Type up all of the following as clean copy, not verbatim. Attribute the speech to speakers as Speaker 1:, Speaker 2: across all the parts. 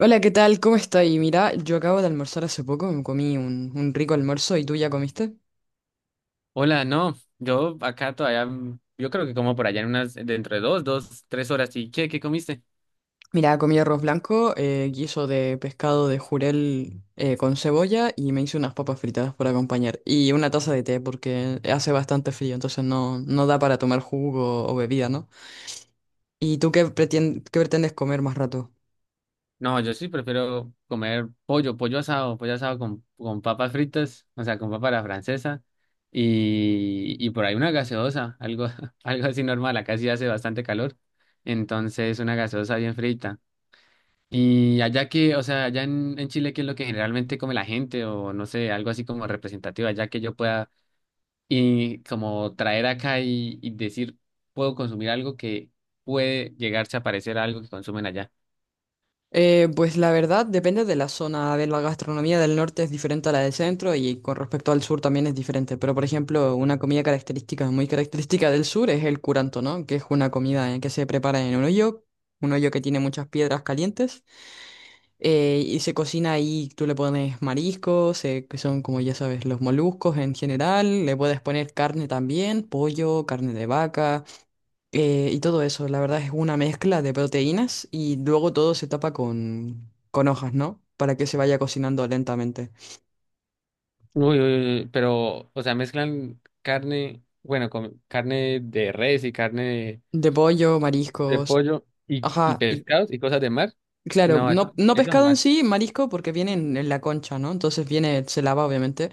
Speaker 1: Hola, ¿qué tal? ¿Cómo estáis? Mira, yo acabo de almorzar hace poco, me comí un rico almuerzo y tú ya comiste.
Speaker 2: Hola, no, yo acá todavía, yo creo que como por allá en unas, dentro de dos, tres horas. ¿Y qué comiste?
Speaker 1: Mira, comí arroz blanco, guiso de pescado de jurel con cebolla y me hice unas papas fritadas para acompañar. Y una taza de té porque hace bastante frío, entonces no, no da para tomar jugo o bebida, ¿no? ¿Y tú qué qué pretendes comer más rato?
Speaker 2: No, yo sí prefiero comer pollo, pollo asado con papas fritas, o sea, con papa a la francesa y por ahí una gaseosa, algo, algo así normal. Acá sí hace bastante calor, entonces una gaseosa bien frita. Y allá que, o sea, allá en Chile, ¿qué es lo que generalmente come la gente? O no sé, algo así como representativo, allá que yo pueda y como traer acá y decir, puedo consumir algo que puede llegarse a parecer a algo que consumen allá.
Speaker 1: Pues la verdad depende de la zona. A ver, la gastronomía del norte es diferente a la del centro y con respecto al sur también es diferente. Pero por ejemplo, una comida característica, muy característica del sur es el curanto, ¿no? Que es una comida que se prepara en un hoyo que tiene muchas piedras calientes y se cocina ahí. Tú le pones mariscos, que son como ya sabes, los moluscos en general. Le puedes poner carne también, pollo, carne de vaca. Y todo eso, la verdad es una mezcla de proteínas y luego todo se tapa con hojas, ¿no? Para que se vaya cocinando lentamente.
Speaker 2: Uy, uy, uy, pero, o sea, mezclan carne, bueno, con carne de res y carne
Speaker 1: De pollo,
Speaker 2: de
Speaker 1: mariscos,
Speaker 2: pollo y
Speaker 1: ajá, y
Speaker 2: pescados y cosas de mar.
Speaker 1: claro,
Speaker 2: No, eso,
Speaker 1: no, no
Speaker 2: eso
Speaker 1: pescado en
Speaker 2: jamás.
Speaker 1: sí, marisco porque viene en la concha, ¿no? Entonces viene, se lava obviamente,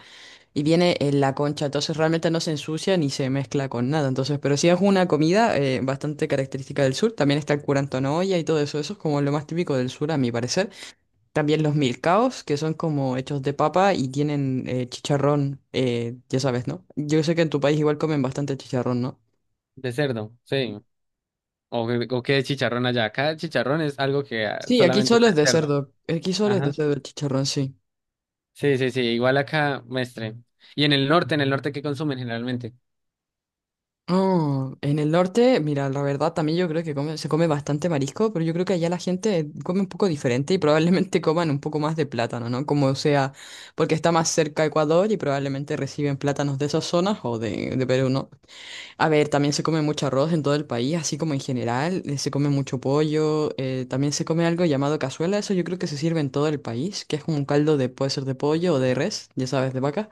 Speaker 1: y viene en la concha, entonces realmente no se ensucia ni se mezcla con nada, entonces, pero sí es una comida bastante característica del sur, también está el curanto en olla y todo eso, eso es como lo más típico del sur a mi parecer. También los milcaos, que son como hechos de papa y tienen chicharrón, ya sabes, ¿no? Yo sé que en tu país igual comen bastante chicharrón, ¿no?
Speaker 2: De cerdo, sí. O, o qué chicharrón allá. Acá chicharrón es algo que ah,
Speaker 1: Sí, aquí
Speaker 2: solamente
Speaker 1: solo
Speaker 2: está
Speaker 1: es
Speaker 2: en
Speaker 1: de
Speaker 2: cerdo.
Speaker 1: cerdo. Aquí solo es de
Speaker 2: Ajá.
Speaker 1: cerdo el chicharrón, sí.
Speaker 2: Sí, sí, sí. Igual acá, mestre. Y en el norte, ¿qué consumen generalmente?
Speaker 1: Oh, en el norte, mira, la verdad también yo creo que se come bastante marisco, pero yo creo que allá la gente come un poco diferente y probablemente coman un poco más de plátano, ¿no? Como sea, porque está más cerca a Ecuador y probablemente reciben plátanos de esas zonas o de Perú, ¿no? A ver, también se come mucho arroz en todo el país, así como en general, se come mucho pollo, también se come algo llamado cazuela, eso yo creo que se sirve en todo el país, que es como un caldo de, puede ser de pollo o de res, ya sabes, de vaca.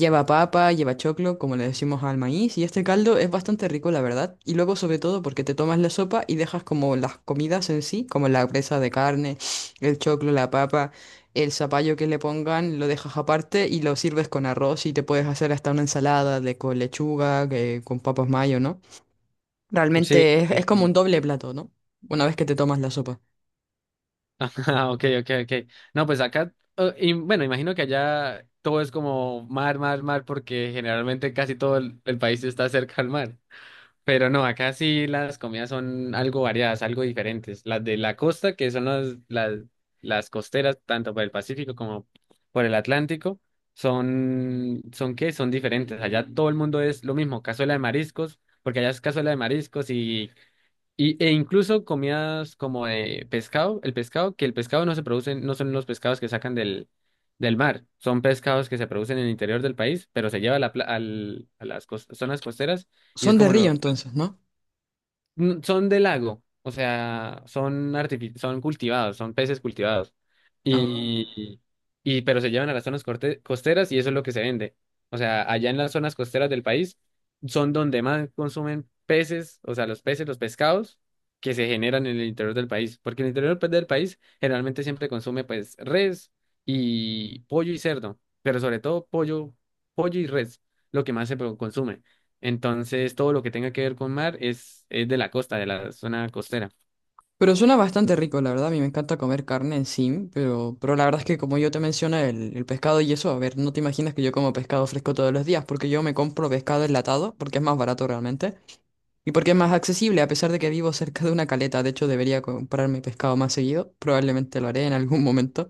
Speaker 1: Lleva papa, lleva choclo, como le decimos al maíz, y este caldo es bastante rico, la verdad. Y luego, sobre todo, porque te tomas la sopa y dejas como las comidas en sí, como la presa de carne, el choclo, la papa, el zapallo que le pongan, lo dejas aparte y lo sirves con arroz y te puedes hacer hasta una ensalada de con lechuga, con papas mayo, ¿no?
Speaker 2: Sí,
Speaker 1: Realmente
Speaker 2: sí,
Speaker 1: es como un
Speaker 2: sí.
Speaker 1: doble plato, ¿no? Una vez que te tomas la sopa.
Speaker 2: Ah, ok, ok, ok. No, pues acá, y bueno, imagino que allá todo es como mar, mar, mar, porque generalmente casi todo el país está cerca al mar. Pero no, acá sí las comidas son algo variadas, algo diferentes. Las de la costa, que son las costeras, tanto por el Pacífico como por el Atlántico, son, son ¿qué? Son diferentes. Allá todo el mundo es lo mismo, cazuela de mariscos, porque allá es cazuela de mariscos y e incluso comidas como de pescado, el pescado, que el pescado no se produce, no son los pescados que sacan del mar, son pescados que se producen en el interior del país, pero se lleva a, a las zonas costeras y es
Speaker 1: Son de
Speaker 2: como
Speaker 1: Río,
Speaker 2: lo,
Speaker 1: entonces, ¿no?
Speaker 2: son de lago, o sea, son cultivados, son peces cultivados.
Speaker 1: Ah.
Speaker 2: Y, y pero se llevan a las zonas costeras y eso es lo que se vende. O sea, allá en las zonas costeras del país son donde más consumen peces, o sea, los peces, los pescados que se generan en el interior del país, porque en el interior pues, del país generalmente siempre consume pues res y pollo y cerdo, pero sobre todo pollo, pollo y res, lo que más consume. Entonces, todo lo que tenga que ver con mar es de la costa, de la zona costera.
Speaker 1: Pero suena bastante rico, la verdad. A mí me encanta comer carne en sí, pero la verdad es que como yo te mencioné, el pescado y eso, a ver, no te imaginas que yo como pescado fresco todos los días, porque yo me compro pescado enlatado, porque es más barato realmente, y porque es más accesible, a pesar de que vivo cerca de una caleta. De hecho, debería comprarme pescado más seguido, probablemente lo haré en algún momento,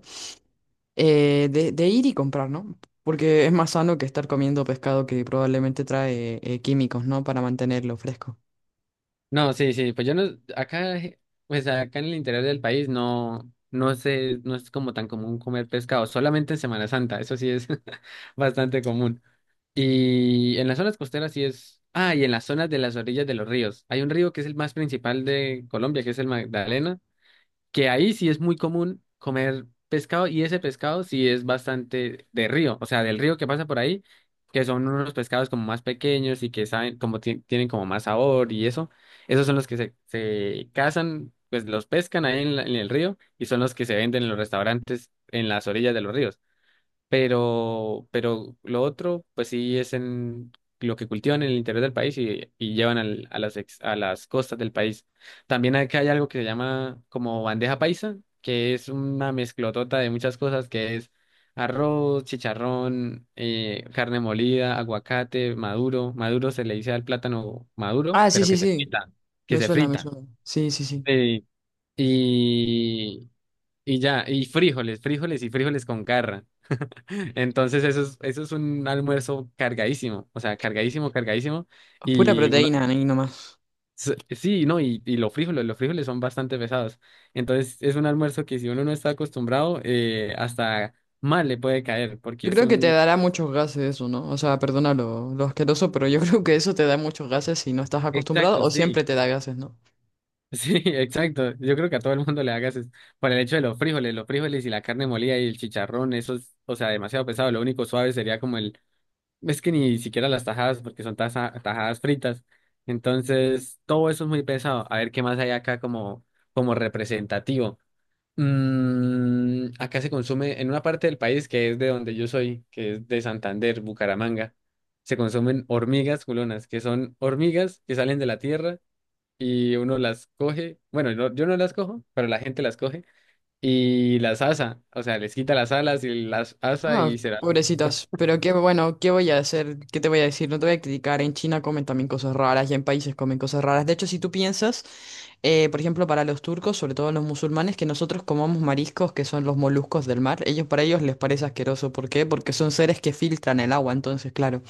Speaker 1: de ir y comprar, ¿no? Porque es más sano que estar comiendo pescado que probablemente trae químicos, ¿no? Para mantenerlo fresco.
Speaker 2: No, sí, sí, pues yo no, acá, pues acá en el interior del país no, no sé, no es como tan común comer pescado, solamente en Semana Santa, eso sí es bastante común. Y en las zonas costeras sí es, ah, y en las zonas de las orillas de los ríos. Hay un río que es el más principal de Colombia, que es el Magdalena, que ahí sí es muy común comer pescado y ese pescado sí es bastante de río, o sea, del río que pasa por ahí, que son unos pescados como más pequeños y que saben, como tienen como más sabor y eso, esos son los que se cazan, pues los pescan ahí en, en el río y son los que se venden en los restaurantes en las orillas de los ríos. Pero lo otro, pues sí es en lo que cultivan en el interior del país y llevan a las, a las costas del país. También acá hay algo que se llama como bandeja paisa, que es una mezclotota de muchas cosas, que es arroz, chicharrón, carne molida, aguacate, maduro. Maduro se le dice al plátano maduro,
Speaker 1: Ah, sí,
Speaker 2: pero
Speaker 1: sí, sí.
Speaker 2: que
Speaker 1: Me
Speaker 2: se
Speaker 1: suena, me
Speaker 2: frita.
Speaker 1: suena. Sí, sí, sí.
Speaker 2: Sí. Y, y ya, y frijoles, frijoles y frijoles con carra. Entonces eso es un almuerzo cargadísimo, o sea, cargadísimo, cargadísimo.
Speaker 1: Pura
Speaker 2: Y uno,
Speaker 1: proteína, ahí nomás.
Speaker 2: sí, no, y los frijoles son bastante pesados. Entonces es un almuerzo que si uno no está acostumbrado, hasta mal le puede caer, porque
Speaker 1: Yo
Speaker 2: es
Speaker 1: creo que te
Speaker 2: un...
Speaker 1: dará muchos gases eso, ¿no? O sea, perdona lo asqueroso, pero yo creo que eso te da muchos gases si no estás acostumbrado
Speaker 2: Exacto,
Speaker 1: o
Speaker 2: sí,
Speaker 1: siempre te da gases, ¿no?
Speaker 2: sí, exacto. Yo creo que a todo el mundo le hagas es por el hecho de los frijoles y la carne molida y el chicharrón, eso es, o sea, demasiado pesado. Lo único suave sería como el. Es que ni siquiera las tajadas, porque son tajadas fritas. Entonces, todo eso es muy pesado. A ver qué más hay acá como, como representativo. Acá se consume en una parte del país que es de donde yo soy, que es de Santander, Bucaramanga. Se consumen hormigas culonas, que son hormigas que salen de la tierra y uno las coge. Bueno, yo no las cojo, pero la gente las coge y las asa. O sea, les quita las alas y las asa
Speaker 1: Ah,
Speaker 2: y se.
Speaker 1: pobrecitas. Pero qué bueno, ¿qué voy a hacer? ¿Qué te voy a decir? No te voy a criticar. En China comen también cosas raras y en países comen cosas raras. De hecho, si tú piensas, por ejemplo, para los turcos, sobre todo los musulmanes, que nosotros comamos mariscos, que son los moluscos del mar, ellos para ellos les parece asqueroso. ¿Por qué? Porque son seres que filtran el agua, entonces, claro.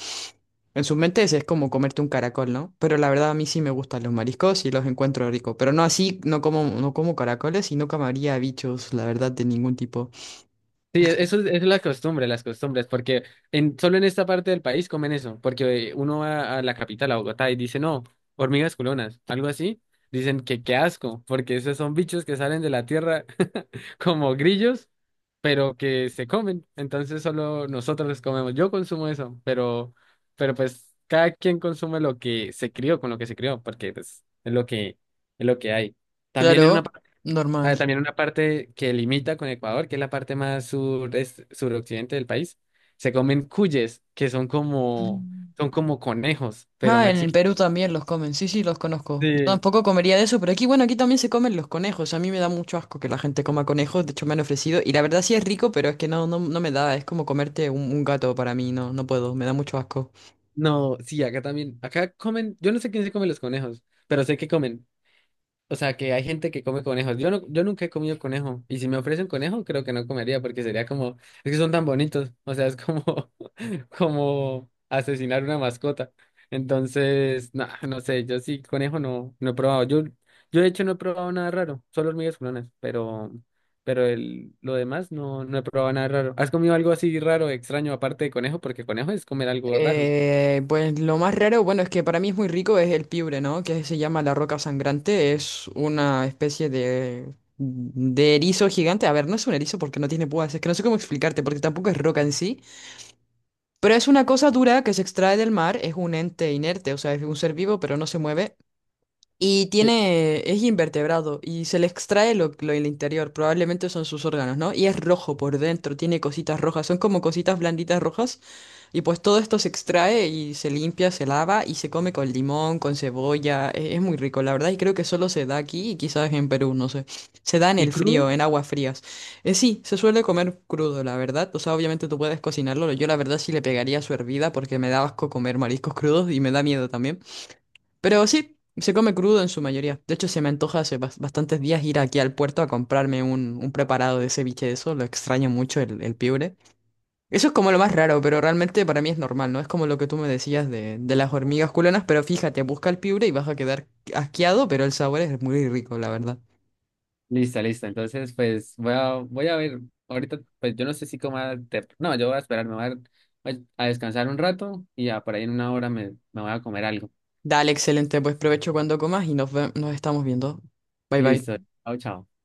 Speaker 1: En sus mentes es como comerte un caracol, ¿no? Pero la verdad a mí sí me gustan los mariscos y los encuentro ricos. Pero no así, no como, no como caracoles y no comería bichos, la verdad, de ningún tipo.
Speaker 2: Sí, eso es la costumbre, las costumbres, porque en, solo en esta parte del país comen eso, porque uno va a la capital, a Bogotá, y dice, no, hormigas culonas, algo así, dicen que qué asco, porque esos son bichos que salen de la tierra como grillos, pero que se comen, entonces solo nosotros los comemos, yo consumo eso, pero pues cada quien consume lo que se crió, con lo que se crió, porque pues es lo que hay. También en
Speaker 1: Claro,
Speaker 2: una.
Speaker 1: normal.
Speaker 2: Ah, también una parte que limita con Ecuador, que es la parte más sur, suroccidente del país, se comen cuyes, que
Speaker 1: Mm.
Speaker 2: son como conejos, pero
Speaker 1: Ah,
Speaker 2: más
Speaker 1: en el
Speaker 2: chiquitos.
Speaker 1: Perú también los comen, sí, sí, los conozco. Yo
Speaker 2: Sí,
Speaker 1: tampoco comería de eso, pero aquí, bueno, aquí también se comen los conejos. A mí me da mucho asco que la gente coma conejos, de hecho me han ofrecido. Y la verdad sí es rico, pero es que no, no, no me da, es como comerte un gato para mí, no, no puedo, me da mucho asco.
Speaker 2: no, sí, acá también, acá comen, yo no sé quién se come los conejos, pero sé que comen. O sea, que hay gente que come conejos. Yo no, yo nunca he comido conejo. Y si me ofrecen conejo, creo que no comería porque sería como, es que son tan bonitos. O sea, es como, como asesinar una mascota. Entonces, no, no sé, yo sí, conejo no, no he probado. Yo de hecho no he probado nada raro, solo hormigas culonas, pero el, lo demás no, no he probado nada raro. ¿Has comido algo así raro, extraño, aparte de conejo? Porque conejo es comer algo raro.
Speaker 1: Pues lo más raro, bueno, es que para mí es muy rico, es el piure, ¿no? Que se llama la roca sangrante. Es una especie de erizo gigante. A ver, no es un erizo porque no tiene púas. Es que no sé cómo explicarte, porque tampoco es roca en sí. Pero es una cosa dura que se extrae del mar. Es un ente inerte, o sea, es un ser vivo, pero no se mueve. Y
Speaker 2: ¿Y,
Speaker 1: tiene, es invertebrado y se le extrae lo del interior, probablemente son sus órganos, ¿no? Y es rojo por dentro, tiene cositas rojas, son como cositas blanditas rojas. Y pues todo esto se extrae y se limpia, se lava y se come con limón, con cebolla. Es muy rico, la verdad, y creo que solo se da aquí y quizás en Perú, no sé. Se da en
Speaker 2: y
Speaker 1: el
Speaker 2: crudo?
Speaker 1: frío, en aguas frías. Sí, se suele comer crudo, la verdad. O sea, obviamente tú puedes cocinarlo. Yo la verdad sí le pegaría su hervida porque me da asco comer mariscos crudos y me da miedo también. Pero sí, se come crudo en su mayoría. De hecho, se me antoja hace bastantes días ir aquí al puerto a comprarme un preparado de ceviche de eso. Lo extraño mucho, el piure. Eso es como lo más raro, pero realmente para mí es normal, ¿no? Es como lo que tú me decías de las hormigas culonas, pero fíjate, busca el piure y vas a quedar asqueado, pero el sabor es muy rico, la verdad.
Speaker 2: Listo, listo. Entonces, pues voy a, voy a ver. Ahorita, pues yo no sé si coma. Te, no, yo voy a esperar, me voy a, voy a descansar un rato y ya por ahí en una hora me, me voy a comer algo.
Speaker 1: Dale, excelente, pues provecho cuando comas y nos, nos estamos viendo. Bye bye.
Speaker 2: Listo. Chao, chao.